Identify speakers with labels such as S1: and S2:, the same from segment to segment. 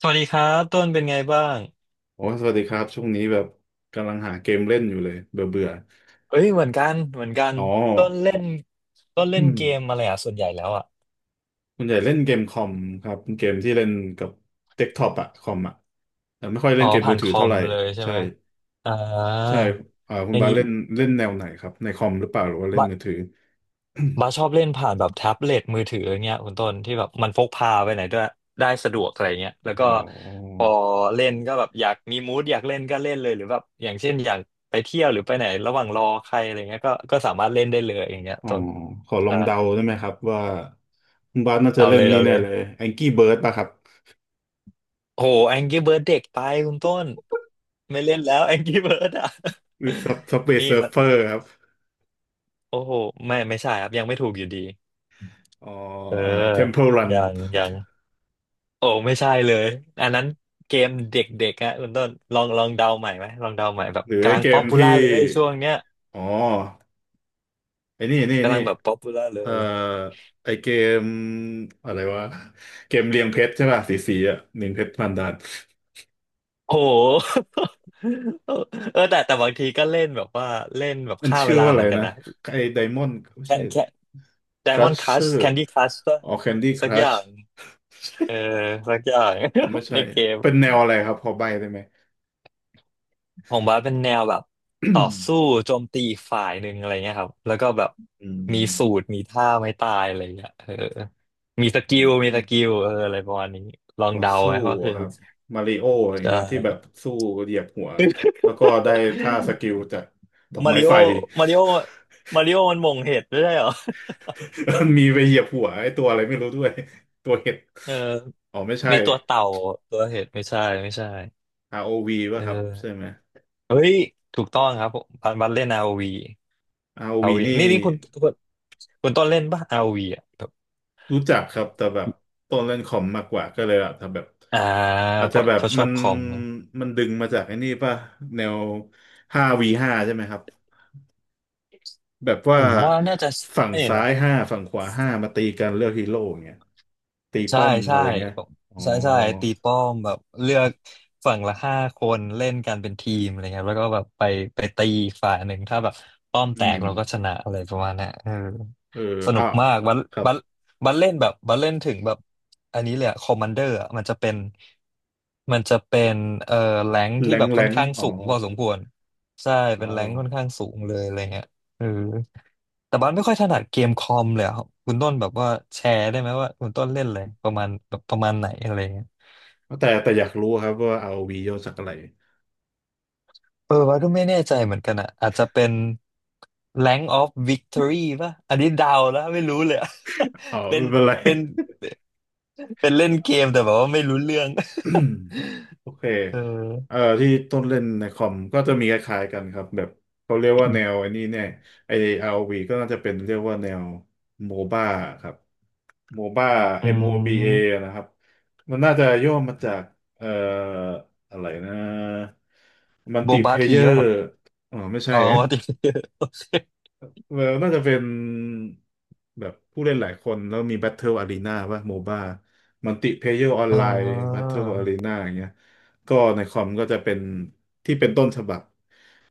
S1: สวัสดีครับต้นเป็นไงบ้าง
S2: โอ้สวัสดีครับช่วงนี้แบบกำลังหาเกมเล่นอยู่เลยเบื่อเบื่อ
S1: เอ้ยเหมือนกันเหมือนกัน
S2: อ๋อ
S1: ต้นเล่นต้นเล่นเก มอะไรอ่ะส่วนใหญ่แล้วอ่ะ
S2: คุณใหญ่เล่นเกมคอมครับเกมที่เล่นกับเดสก์ท็อปอะคอมอะแต่ไม่ค่อย
S1: อ๋
S2: เล่
S1: อ
S2: นเกมมื
S1: ผ่า
S2: อ
S1: น
S2: ถื
S1: ค
S2: อ
S1: อ
S2: เท่าไห
S1: ม
S2: ร่
S1: เลยใช่
S2: ใช่
S1: ไหมอ่า
S2: ใช่อ่าคุ
S1: อ
S2: ณ
S1: ย่าง
S2: บาส
S1: นี้
S2: เล่นเล่นแนวไหนครับในคอมหรือเปล่าหรือว่าเล่น
S1: บา
S2: มือถือ
S1: บาชอบเล่นผ่านแบบแท็บเล็ตมือถืออย่างเงี้ยคุณต้นที่แบบมันพกพาไปไหนด้วยได้สะดวกอะไรเงี้ยแล้ว
S2: อ๋
S1: ก็
S2: อ
S1: พอเล่นก็แบบอยากมีมูดอยากเล่นก็เล่นเลยหรือแบบอย่างเช่นอยากไปเที่ยวหรือไปไหนระหว่างรอใครอะไรเงี้ยก็สามารถเล่นได้เลยอย่างเงี้ย
S2: อ๋อ
S1: ต้น
S2: ขอลอ
S1: ใช่
S2: งเดาได้ไหมครับว่าคุณบาสน่าจะ
S1: เอา
S2: เล่
S1: เล
S2: น
S1: ย
S2: นี่
S1: เอา
S2: แน่
S1: เลย
S2: เลย Angry Bird ป่ะครับ
S1: โหแองกี้เบิร์ดเด็กไปคุณต้นไม่เล่นแล้วแองกี้เบิร์ดอ่ะ
S2: หรือ Subway
S1: นี่แบบ
S2: Surfer ครับ
S1: โอ้โหไม่ใช่ครับยังไม่ถูกอยู่ดี
S2: อ๋อ
S1: เออ
S2: Temple Run
S1: ยังยังโอ้ไม่ใช่เลยอันนั้นเกมเด็กๆฮะคุณต้นลองลองเดาใหม่ไหมลองเดาใหม่แบบ
S2: หรือไอ
S1: กำลัง
S2: เก
S1: ป๊อ
S2: ม
S1: ปปู
S2: ที่
S1: ล่าเลยช่วงเนี้ย
S2: อ๋อไอ้นี่นี่
S1: กำ
S2: นี่
S1: ลังแบบป๊อปปูล่าเล
S2: เอ่อ
S1: ย
S2: ไอเกมอะไรวะเกมเรียงเพชรใช่ป่ะสีสีอ่ะเรียงเพชรพันดาน
S1: โอ้โห เออแต่แต่บางทีก็เล่นแบบว่าเล่นแบบ
S2: มัน
S1: ฆ่า
S2: ชื่
S1: เว
S2: อ
S1: ลา
S2: ว่าอะ
S1: เห
S2: ไร
S1: มือนกัน
S2: นะ
S1: นะ
S2: ไอไดมอนด์ไม่
S1: แค่
S2: ใช่
S1: แค่
S2: ครัช
S1: Diamond
S2: เชอ
S1: Crush
S2: ร์
S1: Candy Crush ป่ะ
S2: อ๋อแคนดี้ค
S1: สัก
S2: รั
S1: อ
S2: ช
S1: ย่าง เออสักอย่าง
S2: ผมไม่ ใช่
S1: ในเกม
S2: เป็นแนวอะไรครับพอใบได้ไหม
S1: ของบาสเป็นแนวแบบ
S2: อืม
S1: ต่อสู้โจมตีอีกฝ่ายหนึ่งอะไรเงี้ยครับแล้วก็แบบ
S2: อื
S1: มีสูตรมีท่าไม่ตายอะไรเงี้ยเออมีสกิลมี
S2: อื
S1: ส
S2: ม
S1: กิลเอออะไรประมาณนี้ลอง
S2: ต่อ
S1: เดา
S2: สู้
S1: ไหมว่าคือ
S2: ค
S1: อะ
S2: รั
S1: ไร
S2: บมาริโออะไรอย่าง
S1: ใช
S2: เงี้ยที่แบบ
S1: ่
S2: สู้เหยียบหัวแล้วก็ได้ท่าสกิ ลจากดอก
S1: มา
S2: ไม้
S1: ริโอ
S2: ไฟ
S1: มาริโอมาริโอมันหม่งเห็ดไม่ใช่เหรอ
S2: มันมีไปเหยียบหัวไอ้ตัวอะไรไม่รู้ด้วยตัวเห็ด
S1: เออ
S2: อ๋อไม่ใช่
S1: มีตัวเต่าตัวเห็ดไม่ใช่
S2: ROV
S1: เ
S2: ป่ะครับใช่
S1: ออ
S2: ไหม
S1: เฮ้ยถูกต้องครับผมบันบันเล่น ROV r วีอาร์โอ
S2: ROV
S1: วี
S2: นี่
S1: นี่นี่คุณคุณต้นเล่นป่ะ r วีอ่ะ
S2: รู้จักครับแต่แบบต้นเล่นคอมมากกว่าก็เลยอะแต่แบบ
S1: อ่า
S2: อาจ
S1: เพ
S2: จะ
S1: ราะ
S2: แบ
S1: เพ
S2: บ
S1: ราะชอบคอมเนอะ
S2: มันดึงมาจากไอ้นี่ป่ะแนว 5v5 ใช่ไหมครับแบบ
S1: ผ
S2: ว่า
S1: มว่าน่าจะ
S2: ฝั่ง
S1: ใช่
S2: ซ้า
S1: นะ
S2: ยห้าฝั่งขวาห้ามาตีกันเลือกฮีโร่อย่างเงี้ยตี
S1: ใช่
S2: ป้อมอะ
S1: ใช่
S2: ไรเงี้ย
S1: ผม
S2: อ๋อ
S1: ใช่ใช่ตีป้อมแบบเลือกฝั่งละห้าคนเล่นกันเป็นทีมอะไรเงี้ยแล้วก็แบบไปไปตีอีกฝ่ายหนึ่งถ้าแบบป้อม
S2: อื
S1: แต
S2: ม
S1: กเราก็ชนะอะไรประมาณเนี้ยเออ
S2: เออ
S1: สนุ
S2: อ้า
S1: ก
S2: ว
S1: มากบัล
S2: ครับ
S1: บัลบัลเล่นแบบบัลเล่นถึงแบบอันนี้เลยอะคอมมานเดอร์อะมันจะเป็นเอ่อแรงค์
S2: แร
S1: ที่แบ
S2: ง
S1: บ
S2: แร
S1: ค่อน
S2: ง
S1: ข้าง
S2: อ๋อ
S1: สูงพอสมควรใช่เป็น
S2: ว้า
S1: แร
S2: ว
S1: งคค่อนข้างสูงเลยอะไรเงี้ยเออ แต่บ้านไม่ค่อยถนัดเกมคอมเลยอะครับคุณต้นแบบว่าแชร์ได้ไหมว่าคุณต้นเล่นอะไรประมาณแบบประมาณไหนอะไรเงี้ย
S2: แต่อยากรู้ครับว่า ROV ย่อจากอะไร
S1: เออบ้านก็ไม่แน่ใจเหมือนกันอ่ะอาจจะเป็น Rank of Victory ป่ะอันนี้เดาแล้วไม่รู้เลยอะ
S2: อ๋อ
S1: เป็น
S2: ไม่เป็นไร
S1: เป็นเป็นเล่นเกมแต่แบบว่าไม่รู้เรื่อง
S2: โอเค
S1: เออ
S2: ที่ต้นเล่นในคอมก็จะมีคล้ายๆกันครับแบบเขาเรียกว่าแนวไอ้นี่เนี่ยไอ้ ROV ก็น่าจะเป็นเรียกว่าแนวโมบ้าครับโมบ้า
S1: อื
S2: MOBA
S1: ม
S2: นะครับมันน่าจะย่อมาจากเอ่ออะไรนะมัล
S1: โบ
S2: ติเพ
S1: บา
S2: เย
S1: ที
S2: อ
S1: ป่ะ
S2: ร์
S1: ครับ
S2: อ๋อไม่ใช่
S1: อ๋อมาที
S2: เออน่าจะเป็นแบบผู้เล่นหลายคนแล้วมี Battle Arena ป่ะโมบ้ามัลติเพเยอร์ออน
S1: อ่
S2: ไลน์
S1: า
S2: Battle Arena อย่างเงี้ยก็ในคอมก็จะเป็นที่เป็นต้นฉบับ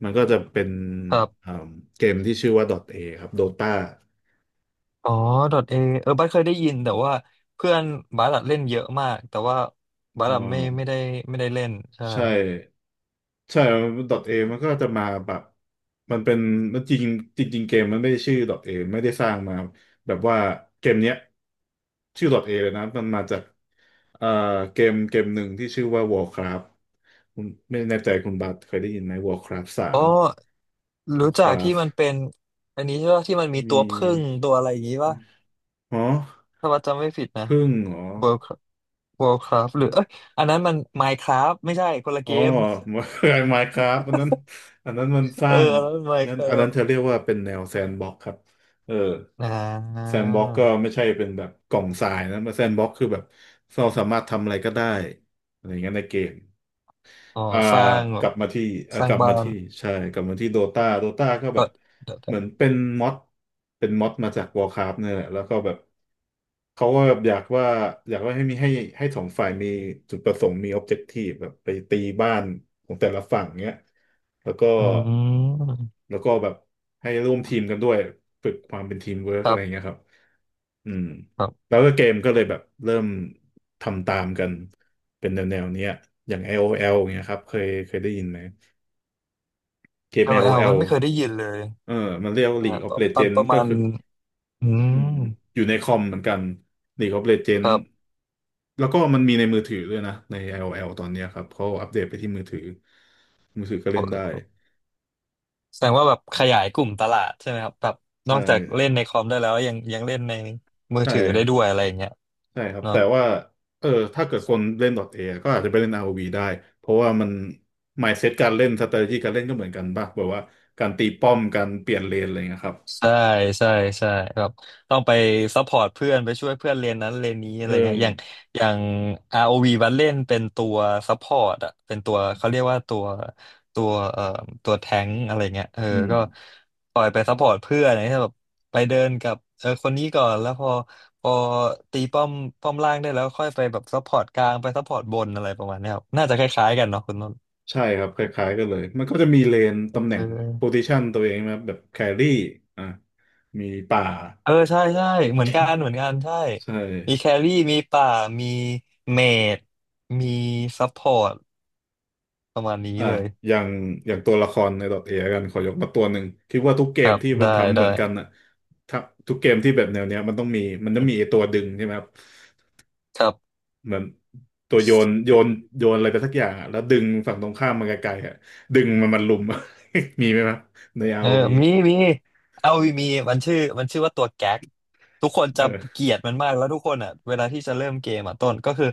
S2: มันก็จะเป็น
S1: ครับ
S2: อ่าเกมที่ชื่อว่า .A ครับ Dota
S1: อ๋อ dot A เออบัสเคยได้ยินแต่ว่าเพื่อนบัสอะเล่นเยอะมากแต่ว่าบัส
S2: อ่า
S1: อะไม่ได้ไม่ได้เล่นใช่
S2: ใช่ ใช่ดอทเอมันก็จะมาแบบ มันเป็นมันจริงจริงๆเกมมันไม่ได้ชื่อดอทเอไม่ได้สร้างมาแบบว่าเกมเนี้ยชื่อดอทเอเลยนะ มันมาจากเอ่อเกมหนึ่งที่ชื่อว่า Warcraft คุณไม่แน่ใจคุณบัตเคยได้ยินไหม Warcraft สา
S1: อ๋อ
S2: ม
S1: รู้จักที่มัน
S2: Warcraft
S1: เป็นอันนี้ใช่ป่ะที่มันมีตั
S2: มี
S1: วผึ้งตัวอะไรอย่างงี้ป่ะ
S2: อ๋อ
S1: ถ้าบัสจำไม่ผิดนะ
S2: พึ่งเหรอ
S1: World Worldcraft หรือเอ้ยอันนั้นมัน Minecraft ไม่ใช่คนละ
S2: อ๋
S1: เก
S2: อ
S1: ม
S2: เคยไมน์คราฟอันนั้นอันนั้นมันส
S1: เออ
S2: ร้าง
S1: อันนั้นมัน
S2: อันนั้น
S1: Minecraft
S2: เธอเรียกว่าเป็นแนวแซนด์บ็อกครับเออ
S1: อ่
S2: แซ
S1: า
S2: นด์บ็อกก็ไม่ใช่เป็นแบบกล่องทรายนะแซนด์บ็อกคือแบบเราสามารถทำอะไรก็ได้อะไรอย่างเงี้ยในเกม
S1: อ๋อ
S2: อ่า
S1: สร้างแบ
S2: ก
S1: บ
S2: ลับมาที่อ่า
S1: สร้า
S2: ก
S1: ง
S2: ลับ
S1: บ้า
S2: มา
S1: น
S2: ที่ใช่กลับมาที่โดตาโดตาก็แบบ
S1: dot dot
S2: เหมือนเป็นม็อดเป็นม็อดมาจากวอ r c คราฟเนี่ยแหละแล้วก็แบบเขาก็แบบอยากว่าให้มีให้สองฝ่ายมีจุดประสงค์มี o b อบเจกตีแบบไปตีบ้านของแต่ละฝั่งเนี้ยแล้วก็
S1: อืม
S2: แบบให้ร่วมทีมกันด้วยฝึกความเป็นทีมเวิร์ก
S1: ค
S2: อะ
S1: รั
S2: ไรเงี้ย
S1: บ
S2: ครับอืม
S1: ครับ
S2: แล้วก็เกมก็เลยแบบเริ่มทำตามกันเป็นแนวเนี้ยอย่าง LOL เงี้ยครับเคยได้ยินไหมเกม
S1: LL มั
S2: LOL
S1: นไม่เคยได้ยินเลย
S2: เออมันเรียกว่า
S1: อ่า
S2: League
S1: ต
S2: of
S1: อนตอนป
S2: Legends
S1: ระ
S2: ก็
S1: มาณ
S2: คือ
S1: อืม
S2: อืมอยู่ในคอมเหมือนกัน League of
S1: ค
S2: Legends
S1: รับ
S2: แล้วก็มันมีในมือถือด้วยนะใน LOL ตอนเนี้ยครับเขาอัปเดตไปที่มือถือมือถือก็
S1: โอ
S2: เล่นได้
S1: เคแสดงว่าแบบขยายกลุ่มตลาดใช่ไหมครับ แบบน
S2: ใช่
S1: อกจากเล่นในคอมได้แล้ว ยังยังเล่นในมือ
S2: ใช่
S1: ถือได้ด้วยอะไรอย่างเงี้ย
S2: ใช่ครับ
S1: เนาะ
S2: แต่ว่าเออถ้าเกิดคนเล่น .A ก็อาจจะไปเล่น r o ีได้เพราะว่ามัน mindset การเล่น strategy การเล่นก็เหมือนกันป่ะแบบว่าการตีป้อมการเปลี่ยนเลนอะไรเงี้ยครับ
S1: ใช่ใช่ใช่ครับต้องไปซัพพอร์ตเพื่อนไปช่วยเพื่อนเรียนนั้นเรียนนี้อะ
S2: เออ
S1: ไรเงี้ยอย่าง ROV บัดเล่นเป็นตัวซัพพอร์ตอะเป็นตัวเขาเรียกว่าตัวตัวแทงอะไรเงี้ยเออ
S2: อืม
S1: ก็คอยไปซัพพอร์ตเพื่อนอะไรเงี้ยแบบไปเดินกับเออคนนี้ก่อนแล้วพอตีป้อมป้อมล่างได้แล้วค่อยไปแบบซัพพอร์ตกลางไปซัพพอร์ตบนอะไรประมาณเนี้ยครับน่าจะคล้ายๆกันเนาะคุณนนท์
S2: ใช่ครับคล้ายๆกันเลยมันก็จะมีเลน
S1: เอ
S2: ตำแหน่ง
S1: อ
S2: position ตัวเองนะแบบแครี่อ่ะมีป่า
S1: เออใช่ใช่เหมือนกันเหมือนกันใช่
S2: ใช่
S1: มีแครี่มีป่ามีเมจมีซัพพอร์ตประมาณนี้
S2: อ่ะ
S1: เลย
S2: อย่างตัวละครใน .A กันขอยกมาตัวหนึ่งคิดว่าทุกเก
S1: ค
S2: ม
S1: รับ
S2: ที่มั
S1: ได้
S2: นทำเหมือนกัน
S1: ได้
S2: อ่ะถ้าทุกเกมที่แบบแนวเนี้ยมันต้องมีมันต้องมีไอ้ตัวดึงใช่ไหมครับ
S1: ครับ
S2: เหมือนตัวโยนโยนอะไรไปสักอย่างอะแล้วดึงฝั่งตรงข้ามมันไกลๆอ่ะดึงมันลุม มีไหมครับใน
S1: เออ
S2: ROV
S1: มีมีเอาวีมีมันชื่อว่าตัวแก๊กทุกคนจะ
S2: เออ
S1: เกลียดมันมากแล้วทุกคนอ่ะเวลาที่จะเริ่มเกมอ่ะต้นก็คือ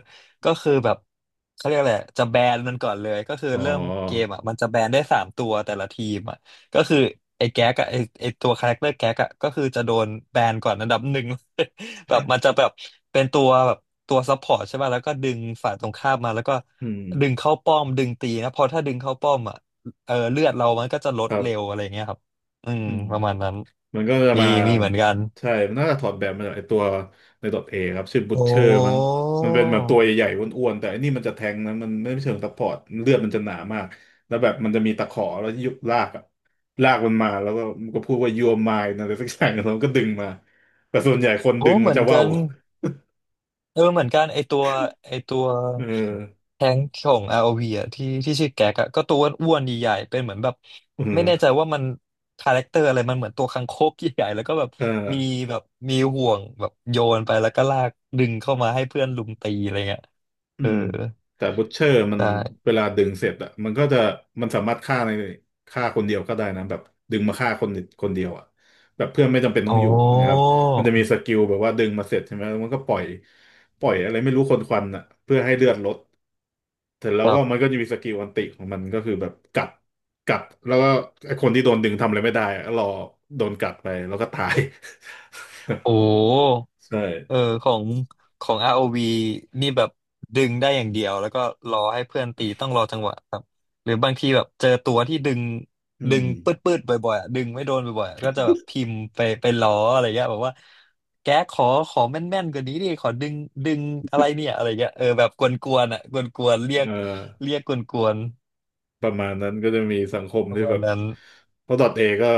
S1: ก็คือแบบเขาเรียกอะไรจะแบนมันก่อนเลยก็คือ
S2: อ๋
S1: เริ่มเกม
S2: อ
S1: อ่ะมันจะแบนได้สามตัวแต่ละทีมอ่ะก็คือไอ้แก๊กอ่ะไอ้ตัวคาแรคเตอร์แก๊กอ่ะก็คือจะโดนแบนก่อนอันดับหนึ่ง แบบมันจะแบบเป็นตัวแบบตัวซัพพอร์ตใช่ป่ะแล้วก็ดึงฝ่ายตรงข้ามมาแล้วก็
S2: อืม
S1: ดึงเข้าป้อมดึงตีนะเพอถ้าดึงเข้าป้อมอ่ะเลือดเรามันก็จะลด
S2: ครั
S1: เร็ว
S2: บ
S1: อะไรเงี้ยครับ อืม
S2: อืม
S1: ประมาณนั้น
S2: มันก็จะ
S1: มี
S2: มา
S1: เหมือนกัน
S2: ใช่มันน่าจะถอดแบบมาจากไอตัวใน .A เอครับ ชื่อบุช
S1: โอ้
S2: เชอร์มั้งมันเป็นแบบตัวใหญ่ๆอ้วนๆแต่อันนี้มันจะแทงนะมันไม่เชิงซัพพอร์ตเลือดมันจะหนามากแล้วแบบมันจะมีตะขอแล้วยุบลากอะลากมันมาแล้วก็มันก็พูดว่า you are mine อะไรสักอย่าง แล้วมันก็ดึงมาแต่ส่วนใหญ่คนดึ
S1: โอ้
S2: ง
S1: เห
S2: มั
S1: มื
S2: น
S1: อน
S2: จะว่า
S1: กั
S2: ว
S1: น เออเหมือนกันไอตัวไอตัว
S2: เออ
S1: แทงค์ของ ROV อวีอ่ะที่ชื่อแก๊กอ่ะก็ตัวอ้วนๆใหญ่ๆเป็นเหมือนแบบ
S2: เอ
S1: ไม่แน่ใจ
S2: อ
S1: ว่ามันคาแรคเตอร์อะไรมันเหมือนตัวคังคกใหญ่ๆแล้วก็แบบ
S2: เออ
S1: มีแบบมีห่วงแบบโยนไปแล้วก็ลากดึงเข้ามาให้เพื่อนลุมตีอะไรเงี้ย
S2: อื
S1: เออ
S2: มแต่บูชเชอร์มัน
S1: ใช่
S2: เวลาดึงเสร็จอะมันก็จะมันสามารถฆ่าในฆ่าคนเดียวก็ได้นะแบบดึงมาฆ่าคนคนเดียวอะแบบเพื่อนไม่จำเป็นต้อง
S1: โอ้
S2: อยู่นะครับมันจะมีสกิลแบบว่าดึงมาเสร็จใช่ไหมแล้วมันก็ปล่อยอะไรไม่รู้คนควันอะเพื่อให้เลือดลดเสร็จแล้ว
S1: แบ
S2: ก็
S1: บ
S2: มันก็จะมีสกิลอันติของมันก็คือแบบกัดกัดแล้วก็ไอ้คนที่โดนดึงทำอะไรไม่ได้อะก็รอโดนกัดไปแล้วก็ตาย
S1: โอ้
S2: ใช่
S1: เออของอ o v นี่แบบดึงได้อย่างเดียวแล้วก็รอให้เพื่อนตีต้องรอจังหวะครับหรือบางทีแบบเจอตัวที่ดึง
S2: อื
S1: ดึ
S2: ม
S1: งปืดปืดบ่อยๆอะดึงไม่โดนบ่อยๆอะก็จะแบบพิมพ์ไปล้ออะไรเงี้ยแบบว่าแกขอแม่นๆกว่านี้ดิขอดึงดึงอะไรเนี่ยอะไรเงี้ยเออแบบกวนๆอ่ะกวนๆเรี
S2: เอ
S1: ยก
S2: อ
S1: กวน
S2: ประมาณนั้นก็จะมีสังคม
S1: ๆประ
S2: ที่
S1: มา
S2: แบ
S1: ณ
S2: บ
S1: นั้น
S2: เพราะดอทเอก็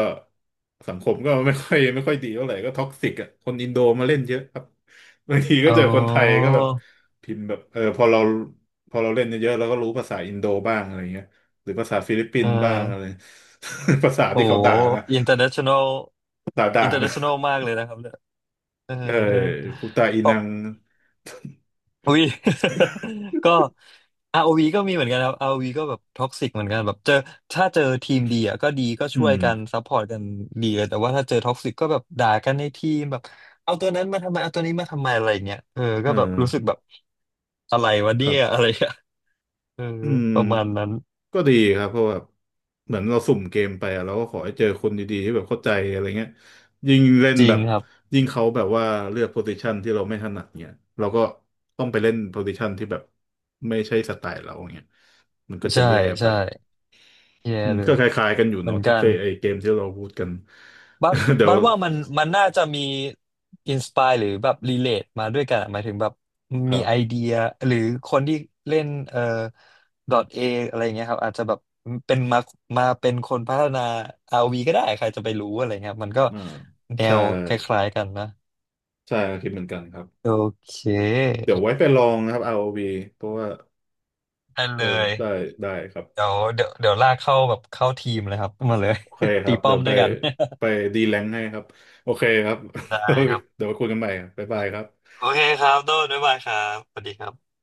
S2: สังคมก็ไม่ค่อย ไม่ค่อยดีเท่าไหร่ก็ท็อกซิกอ่ะคนอินโดมาเล่นเยอะครับบางทีก็
S1: อ๋อ
S2: เจอคนไทยก็แบบพิมพ์แบบเออพอเราเล่นเยอะๆเราก็รู้ภาษาอินโดบ้างอะไรเงี้ยหรือภาษาฟิลิปปิ
S1: เอ
S2: นส์บ้างอะไร
S1: อ
S2: ภาษา
S1: โอ้
S2: ที่เขาด่านะ
S1: international
S2: ภาษาด่านะ
S1: มากเลยนะครับเนี่ยเออ
S2: เออพุตตาอีนัง
S1: อุ้ย ก็อ o v ก็มีเหมือนกันครับ r วีก็แบบท็อกซิกเหมือนกันแบบเจอถ้าเจอทีมดีอ่ะก็ดีก็
S2: อื
S1: ช่วย
S2: ม
S1: กันซัพพอร์ตกันดีเลยแต่ว่าถ้าเจอท็อกซิกก็แบบด่ากันในทีมแบบเอาตัวนั้นมาทำไมเอาตัวนี้มาทำไมอะไรเงี้ยเออ
S2: เอ
S1: ก็แบบรู้สึก
S2: อ
S1: แบบอะไรวะ
S2: ค
S1: เนี่
S2: รั
S1: ย
S2: บ
S1: อะไรอะเออ
S2: อื
S1: ป
S2: ม
S1: ระมาณนั้น
S2: ก็ดีครับเพราะแบบเหมือนเราสุ่มเกมไปอะเราก็ขอให้เจอคนดีๆที่แบบเข้าใจอะไรเงี้ยยิ่งเล่น
S1: จริ
S2: แบ
S1: ง
S2: บ
S1: ครับ
S2: ยิ่งเขาแบบว่าเลือกโพซิชันที่เราไม่ถนัดเงี้ยเราก็ต้องไปเล่นโพซิชันที่แบบไม่ใช่สไตล์เราเงี้ยมันก็จะ
S1: ใช่
S2: แย่ไป
S1: ใช่แย่
S2: อืม
S1: เล
S2: ก็
S1: ย
S2: คล้ายๆกันอยู่
S1: เหมือ
S2: เนาะ
S1: น
S2: ที่
S1: กั
S2: เฟ
S1: น
S2: ไอเกมที่เราพูดกัน
S1: บัด
S2: เดี๋ยว
S1: ว่ามันน่าจะมีอินสปายหรือแบบรีเลทมาด้วยกันอะหมายถึงแบบ
S2: ค
S1: มี
S2: รั
S1: ไอ
S2: บ
S1: เดียหรือคนที่เล่นดอทเออะไรเงี้ยครับอาจจะแบบเป็นมาเป็นคนพัฒนา RV ก็ได้ใครจะไปรู้อะไรเงี้ยครับมันก็
S2: อ่า
S1: แน
S2: ใช่
S1: วคล้ายๆกันนะ
S2: ใช่คิดเหมือนกันครับ
S1: โอเค
S2: เดี๋ยวไว้ไปลองนะครับ ROV เพราะว่า
S1: ได้
S2: เอ
S1: เล
S2: อ
S1: ย
S2: ได้ได้ครับ
S1: เดี๋ยวลากเข้าแบบเข้าทีมเลยครับ มาเลย
S2: โอเคค รั
S1: ตี
S2: บ
S1: ป้อ
S2: เดี๋ย
S1: ม
S2: วไป
S1: ด้วยกัน
S2: ไปดีแลงให้ครับ โอเคครับ
S1: ได้ครั บ
S2: เดี๋ยวไปคุยกันใหม่ครับบ๊ายบายครับ
S1: โอเคครับโดนบ๊ายบายครับสวัสดีครับ